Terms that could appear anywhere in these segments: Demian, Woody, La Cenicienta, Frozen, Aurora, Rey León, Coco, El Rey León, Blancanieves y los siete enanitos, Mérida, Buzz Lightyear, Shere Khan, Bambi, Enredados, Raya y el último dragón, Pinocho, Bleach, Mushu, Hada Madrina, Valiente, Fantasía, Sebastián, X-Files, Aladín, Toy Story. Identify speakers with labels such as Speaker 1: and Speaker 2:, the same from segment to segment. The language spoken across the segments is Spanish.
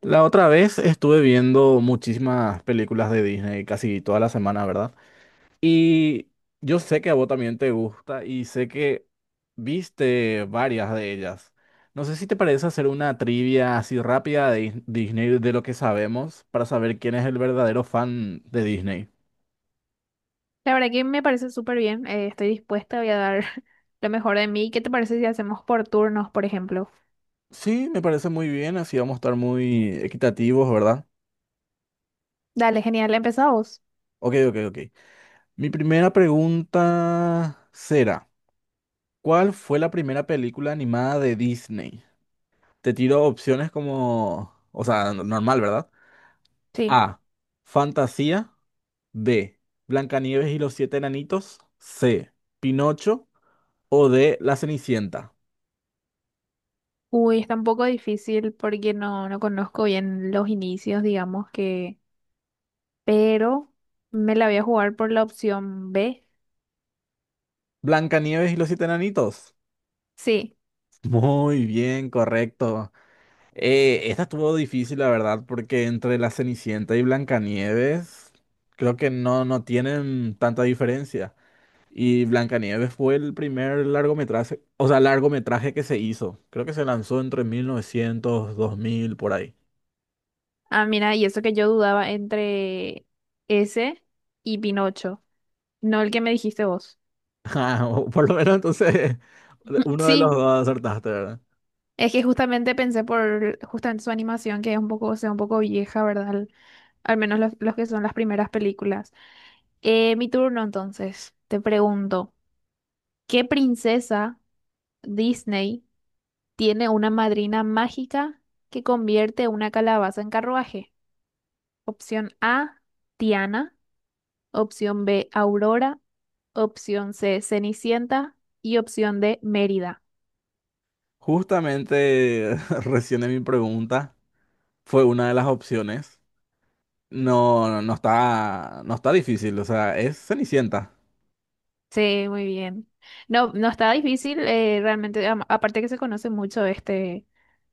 Speaker 1: La otra vez estuve viendo muchísimas películas de Disney, casi toda la semana, ¿verdad? Y yo sé que a vos también te gusta y sé que viste varias de ellas. No sé si te parece hacer una trivia así rápida de Disney de lo que sabemos para saber quién es el verdadero fan de Disney.
Speaker 2: La verdad que me parece súper bien. Estoy dispuesta, voy a dar lo mejor de mí. ¿Qué te parece si hacemos por turnos, por ejemplo?
Speaker 1: Sí, me parece muy bien, así vamos a estar muy equitativos, ¿verdad?
Speaker 2: Dale, genial, empezamos.
Speaker 1: Ok, ok, ok. Mi primera pregunta será: ¿cuál fue la primera película animada de Disney? Te tiro opciones como, o sea, normal, ¿verdad?
Speaker 2: Sí.
Speaker 1: A, Fantasía; B, Blancanieves y los siete enanitos; C, Pinocho; o D, La Cenicienta.
Speaker 2: Uy, está un poco difícil porque no conozco bien los inicios, digamos que. Pero me la voy a jugar por la opción B.
Speaker 1: Blancanieves y los siete enanitos.
Speaker 2: Sí.
Speaker 1: Muy bien, correcto. Esta estuvo difícil, la verdad, porque entre La Cenicienta y Blancanieves creo que no tienen tanta diferencia. Y Blancanieves fue el primer largometraje, o sea, largometraje que se hizo. Creo que se lanzó entre 1900, 2000, por ahí.
Speaker 2: Ah, mira, y eso que yo dudaba entre ese y Pinocho. No el que me dijiste vos.
Speaker 1: Ah, o por lo menos entonces uno de los
Speaker 2: Sí,
Speaker 1: dos acertaste, ¿verdad?
Speaker 2: es que justamente pensé por justamente su animación, que es un poco, o sea, un poco vieja, ¿verdad? Al, al menos los que son las primeras películas. Mi turno entonces, te pregunto, ¿qué princesa Disney tiene una madrina mágica que convierte una calabaza en carruaje? Opción A, Tiana. Opción B, Aurora. Opción C, Cenicienta. Y opción D, Mérida.
Speaker 1: Justamente recién en mi pregunta fue una de las opciones. No está, no está difícil, o sea, es Cenicienta.
Speaker 2: Sí, muy bien. No, no está difícil, realmente, aparte que se conoce mucho este,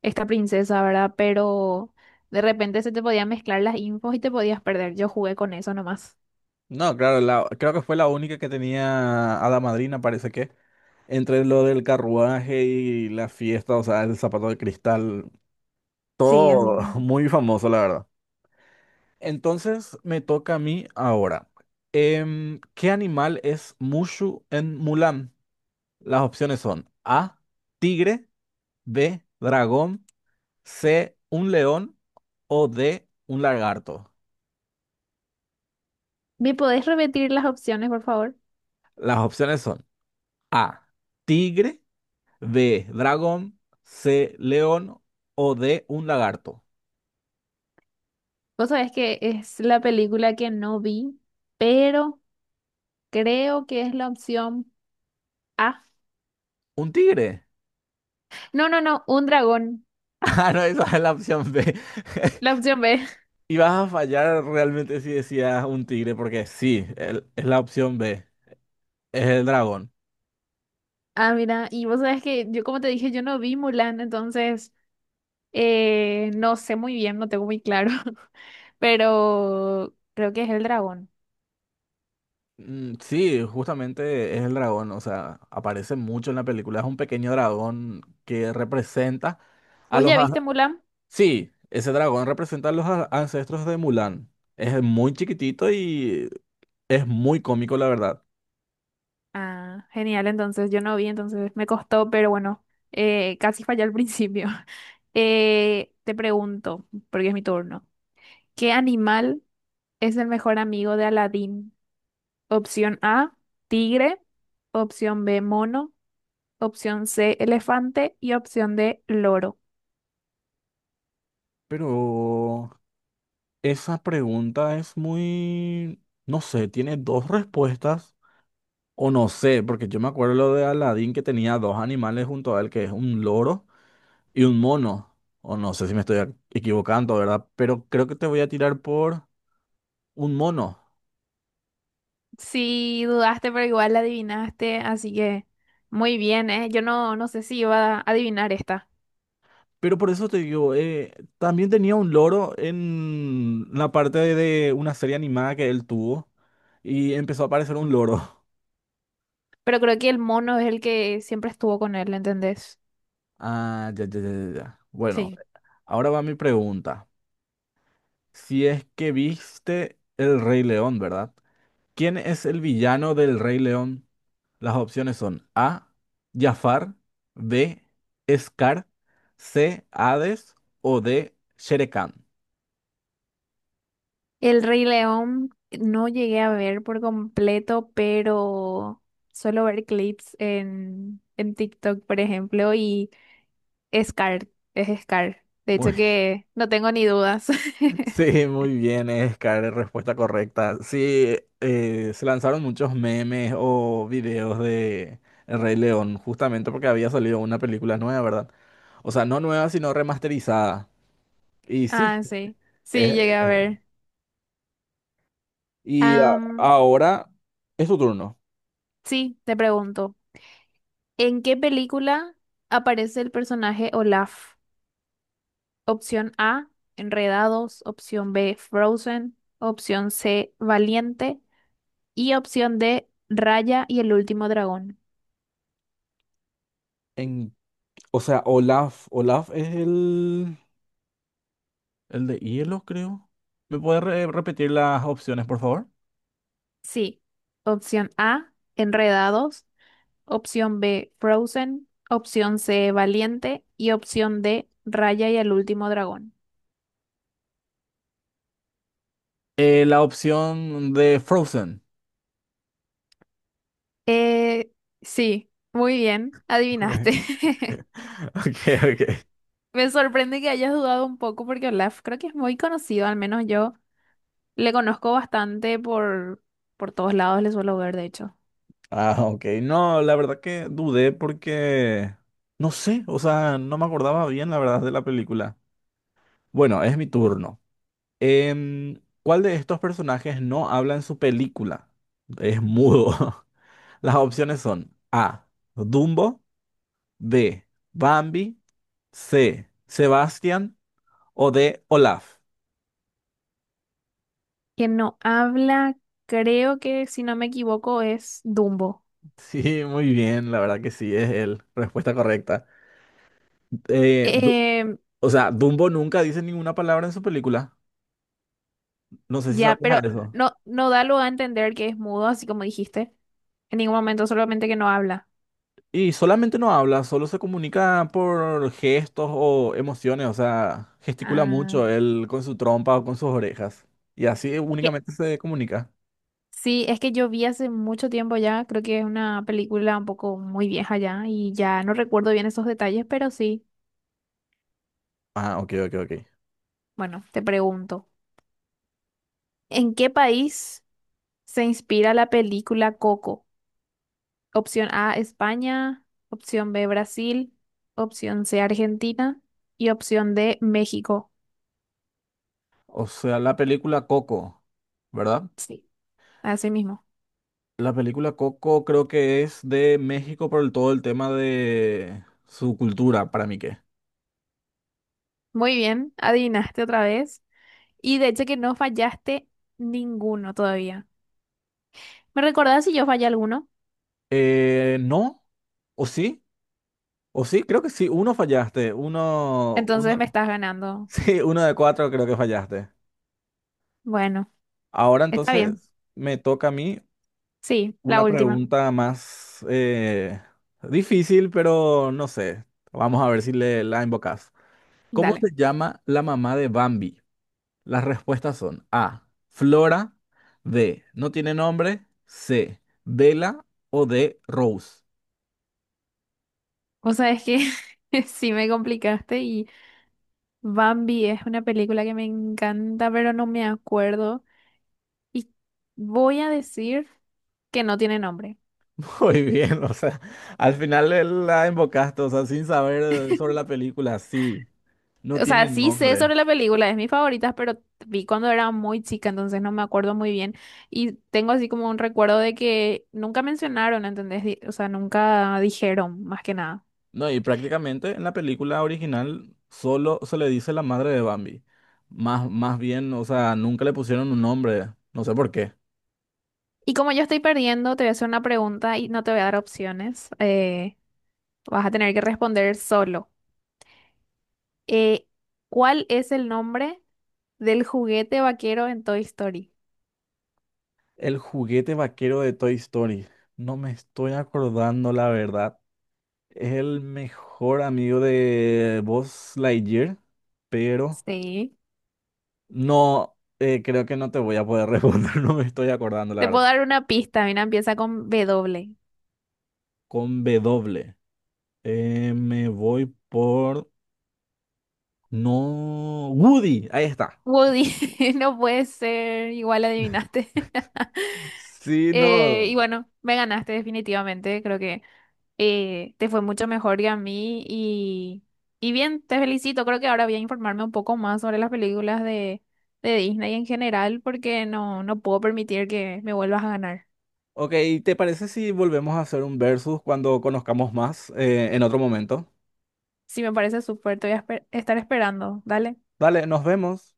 Speaker 2: esta princesa, ¿verdad? Pero de repente se te podían mezclar las infos y te podías perder. Yo jugué con eso nomás.
Speaker 1: No, claro, creo que fue la única que tenía Hada Madrina, parece que. Entre lo del carruaje y la fiesta, o sea, el zapato de cristal,
Speaker 2: Sí, así
Speaker 1: todo
Speaker 2: mismo.
Speaker 1: muy famoso, la verdad. Entonces me toca a mí ahora. ¿Qué animal es Mushu en Mulan? Las opciones son A, tigre; B, dragón; C, un león; o D, un lagarto.
Speaker 2: ¿Me podés repetir las opciones, por favor?
Speaker 1: Las opciones son A, tigre; B, dragón; C, león; o D, un lagarto.
Speaker 2: Vos sabés que es la película que no vi, pero creo que es la opción A.
Speaker 1: ¿Un tigre?
Speaker 2: No, no, no, un dragón.
Speaker 1: Ah, no, esa es la opción B.
Speaker 2: La opción B.
Speaker 1: Y vas a fallar realmente si decías un tigre, porque sí, es la opción B, es el dragón.
Speaker 2: Ah, mira, y vos sabés que yo, como te dije, yo no vi Mulan, entonces. No sé muy bien, no tengo muy claro, pero creo que es el dragón.
Speaker 1: Mm, sí, justamente es el dragón, o sea, aparece mucho en la película, es un pequeño dragón que representa a
Speaker 2: ¿Vos
Speaker 1: los...
Speaker 2: ya
Speaker 1: a-
Speaker 2: viste Mulan?
Speaker 1: Sí, ese dragón representa a los ancestros de Mulan. Es muy chiquitito y es muy cómico, la verdad.
Speaker 2: Ah, genial, entonces yo no vi, entonces me costó, pero bueno, casi fallé al principio. Te pregunto, porque es mi turno, ¿qué animal es el mejor amigo de Aladín? Opción A, tigre, opción B, mono, opción C, elefante y opción D, loro.
Speaker 1: Pero esa pregunta es muy... No sé, tiene dos respuestas. O no sé, porque yo me acuerdo lo de Aladdin que tenía dos animales junto a él, que es un loro y un mono. O no sé si me estoy equivocando, ¿verdad? Pero creo que te voy a tirar por un mono.
Speaker 2: Sí, dudaste, pero igual la adivinaste, así que muy bien, ¿eh? Yo no sé si iba a adivinar esta,
Speaker 1: Pero por eso te digo, también tenía un loro en la parte de una serie animada que él tuvo y empezó a aparecer un loro.
Speaker 2: pero creo que el mono es el que siempre estuvo con él, ¿entendés?
Speaker 1: Ah, ya. Bueno,
Speaker 2: Sí.
Speaker 1: ahora va mi pregunta. Si es que viste El Rey León, ¿verdad? ¿Quién es el villano del Rey León? Las opciones son A, Jafar; B, Scar; C, Hades; o D, Shere Khan.
Speaker 2: El Rey León no llegué a ver por completo, pero suelo ver clips en TikTok, por ejemplo, y Scar, es Scar. De hecho
Speaker 1: Muy,
Speaker 2: que no tengo ni dudas.
Speaker 1: sí, muy bien, Scar, respuesta correcta. Sí, se lanzaron muchos memes o videos de El Rey León, justamente porque había salido una película nueva, ¿verdad? O sea, no nueva, sino remasterizada. Y sí,
Speaker 2: Ah, sí, sí, llegué
Speaker 1: eh,
Speaker 2: a
Speaker 1: eh,
Speaker 2: ver.
Speaker 1: y
Speaker 2: Am,
Speaker 1: ahora es tu turno.
Speaker 2: sí, te pregunto. ¿En qué película aparece el personaje Olaf? Opción A, Enredados, opción B, Frozen, opción C, Valiente y opción D, Raya y el último dragón.
Speaker 1: En, o sea, Olaf, Olaf es el... El de hielo, creo. ¿Me puedes repetir las opciones, por favor?
Speaker 2: Sí, opción A, Enredados, opción B, Frozen, opción C, Valiente y opción D, Raya y el último dragón.
Speaker 1: La opción de Frozen.
Speaker 2: Eh, sí, muy bien,
Speaker 1: Okay,
Speaker 2: adivinaste.
Speaker 1: okay. Okay.
Speaker 2: Me sorprende que hayas dudado un poco porque Olaf creo que es muy conocido, al menos yo le conozco bastante por todos lados, le suelo ver de hecho.
Speaker 1: Ah, ok. No, la verdad que dudé porque no sé, o sea, no me acordaba bien la verdad de la película. Bueno, es mi turno. ¿Cuál de estos personajes no habla en su película? Es mudo. Las opciones son A, Dumbo; B, Bambi; C, Sebastián; o de Olaf?
Speaker 2: Quien no habla, creo que si no me equivoco es Dumbo.
Speaker 1: Sí, muy bien, la verdad que sí, es él. Respuesta correcta. Eh, Du-
Speaker 2: Eh,
Speaker 1: o sea, Dumbo nunca dice ninguna palabra en su película. No sé si
Speaker 2: ya, pero
Speaker 1: sabías eso.
Speaker 2: no da lugar a entender que es mudo, así como dijiste. En ningún momento, solamente que no habla.
Speaker 1: Y solamente no habla, solo se comunica por gestos o emociones. O sea, gesticula
Speaker 2: Ah,
Speaker 1: mucho él con su trompa o con sus orejas. Y así
Speaker 2: es que
Speaker 1: únicamente se comunica.
Speaker 2: sí, es que yo vi hace mucho tiempo ya, creo que es una película un poco muy vieja ya y ya no recuerdo bien esos detalles, pero sí,
Speaker 1: Ah, ok, ok, ok.
Speaker 2: bueno, te pregunto. ¿En qué país se inspira la película Coco? Opción A, España, opción B, Brasil, opción C, Argentina y opción D, México.
Speaker 1: O sea, la película Coco, ¿verdad?
Speaker 2: Sí, así mismo.
Speaker 1: La película Coco creo que es de México por todo el tema de su cultura, para mí que.
Speaker 2: Muy bien, adivinaste otra vez. Y de hecho que no fallaste ninguno todavía. ¿Me recordás si yo fallé alguno?
Speaker 1: ¿No? ¿O sí? ¿O sí? Creo que sí. Uno fallaste.
Speaker 2: Entonces me estás ganando.
Speaker 1: Sí, uno de cuatro creo que fallaste.
Speaker 2: Bueno,
Speaker 1: Ahora
Speaker 2: está bien.
Speaker 1: entonces me toca a mí
Speaker 2: Sí, la
Speaker 1: una
Speaker 2: última.
Speaker 1: pregunta más difícil, pero no sé. Vamos a ver si le, la invocas. ¿Cómo
Speaker 2: Dale.
Speaker 1: se llama la mamá de Bambi? Las respuestas son A, Flora; B, no tiene nombre; C, Vela; o D, Rose.
Speaker 2: O sea, es que sí me complicaste. Bambi es una película que me encanta, pero no me acuerdo. Y voy a decir que no tiene nombre.
Speaker 1: Muy bien, o sea, al final la embocaste, o sea, sin saber sobre la película, sí, no
Speaker 2: O sea,
Speaker 1: tiene
Speaker 2: sí sé
Speaker 1: nombre.
Speaker 2: sobre la película, es mi favorita, pero vi cuando era muy chica, entonces no me acuerdo muy bien. Y tengo así como un recuerdo de que nunca mencionaron, ¿entendés? O sea, nunca dijeron, más que nada.
Speaker 1: No, y prácticamente en la película original solo se le dice la madre de Bambi. Más bien, o sea, nunca le pusieron un nombre, no sé por qué.
Speaker 2: Y como yo estoy perdiendo, te voy a hacer una pregunta y no te voy a dar opciones. Vas a tener que responder solo. Eh, ¿Cuál es el nombre del juguete vaquero en Toy Story?
Speaker 1: El juguete vaquero de Toy Story. No me estoy acordando, la verdad. Es el mejor amigo de Buzz Lightyear, pero
Speaker 2: Sí.
Speaker 1: no, creo que no te voy a poder responder, no me estoy acordando, la
Speaker 2: Te puedo
Speaker 1: verdad.
Speaker 2: dar una pista, mira, empieza con W.
Speaker 1: Con B doble. Me voy por... No, Woody, ahí está.
Speaker 2: Woody, no puede ser, igual adivinaste.
Speaker 1: Sí,
Speaker 2: Y
Speaker 1: no.
Speaker 2: bueno, me ganaste definitivamente, creo que te fue mucho mejor que a mí y bien, te felicito, creo que ahora voy a informarme un poco más sobre las películas de Disney en general porque no puedo permitir que me vuelvas a ganar.
Speaker 1: Ok, ¿te parece si volvemos a hacer un versus cuando conozcamos más en otro momento?
Speaker 2: Sí, me parece súper, te voy a estar esperando. Dale.
Speaker 1: Dale, nos vemos.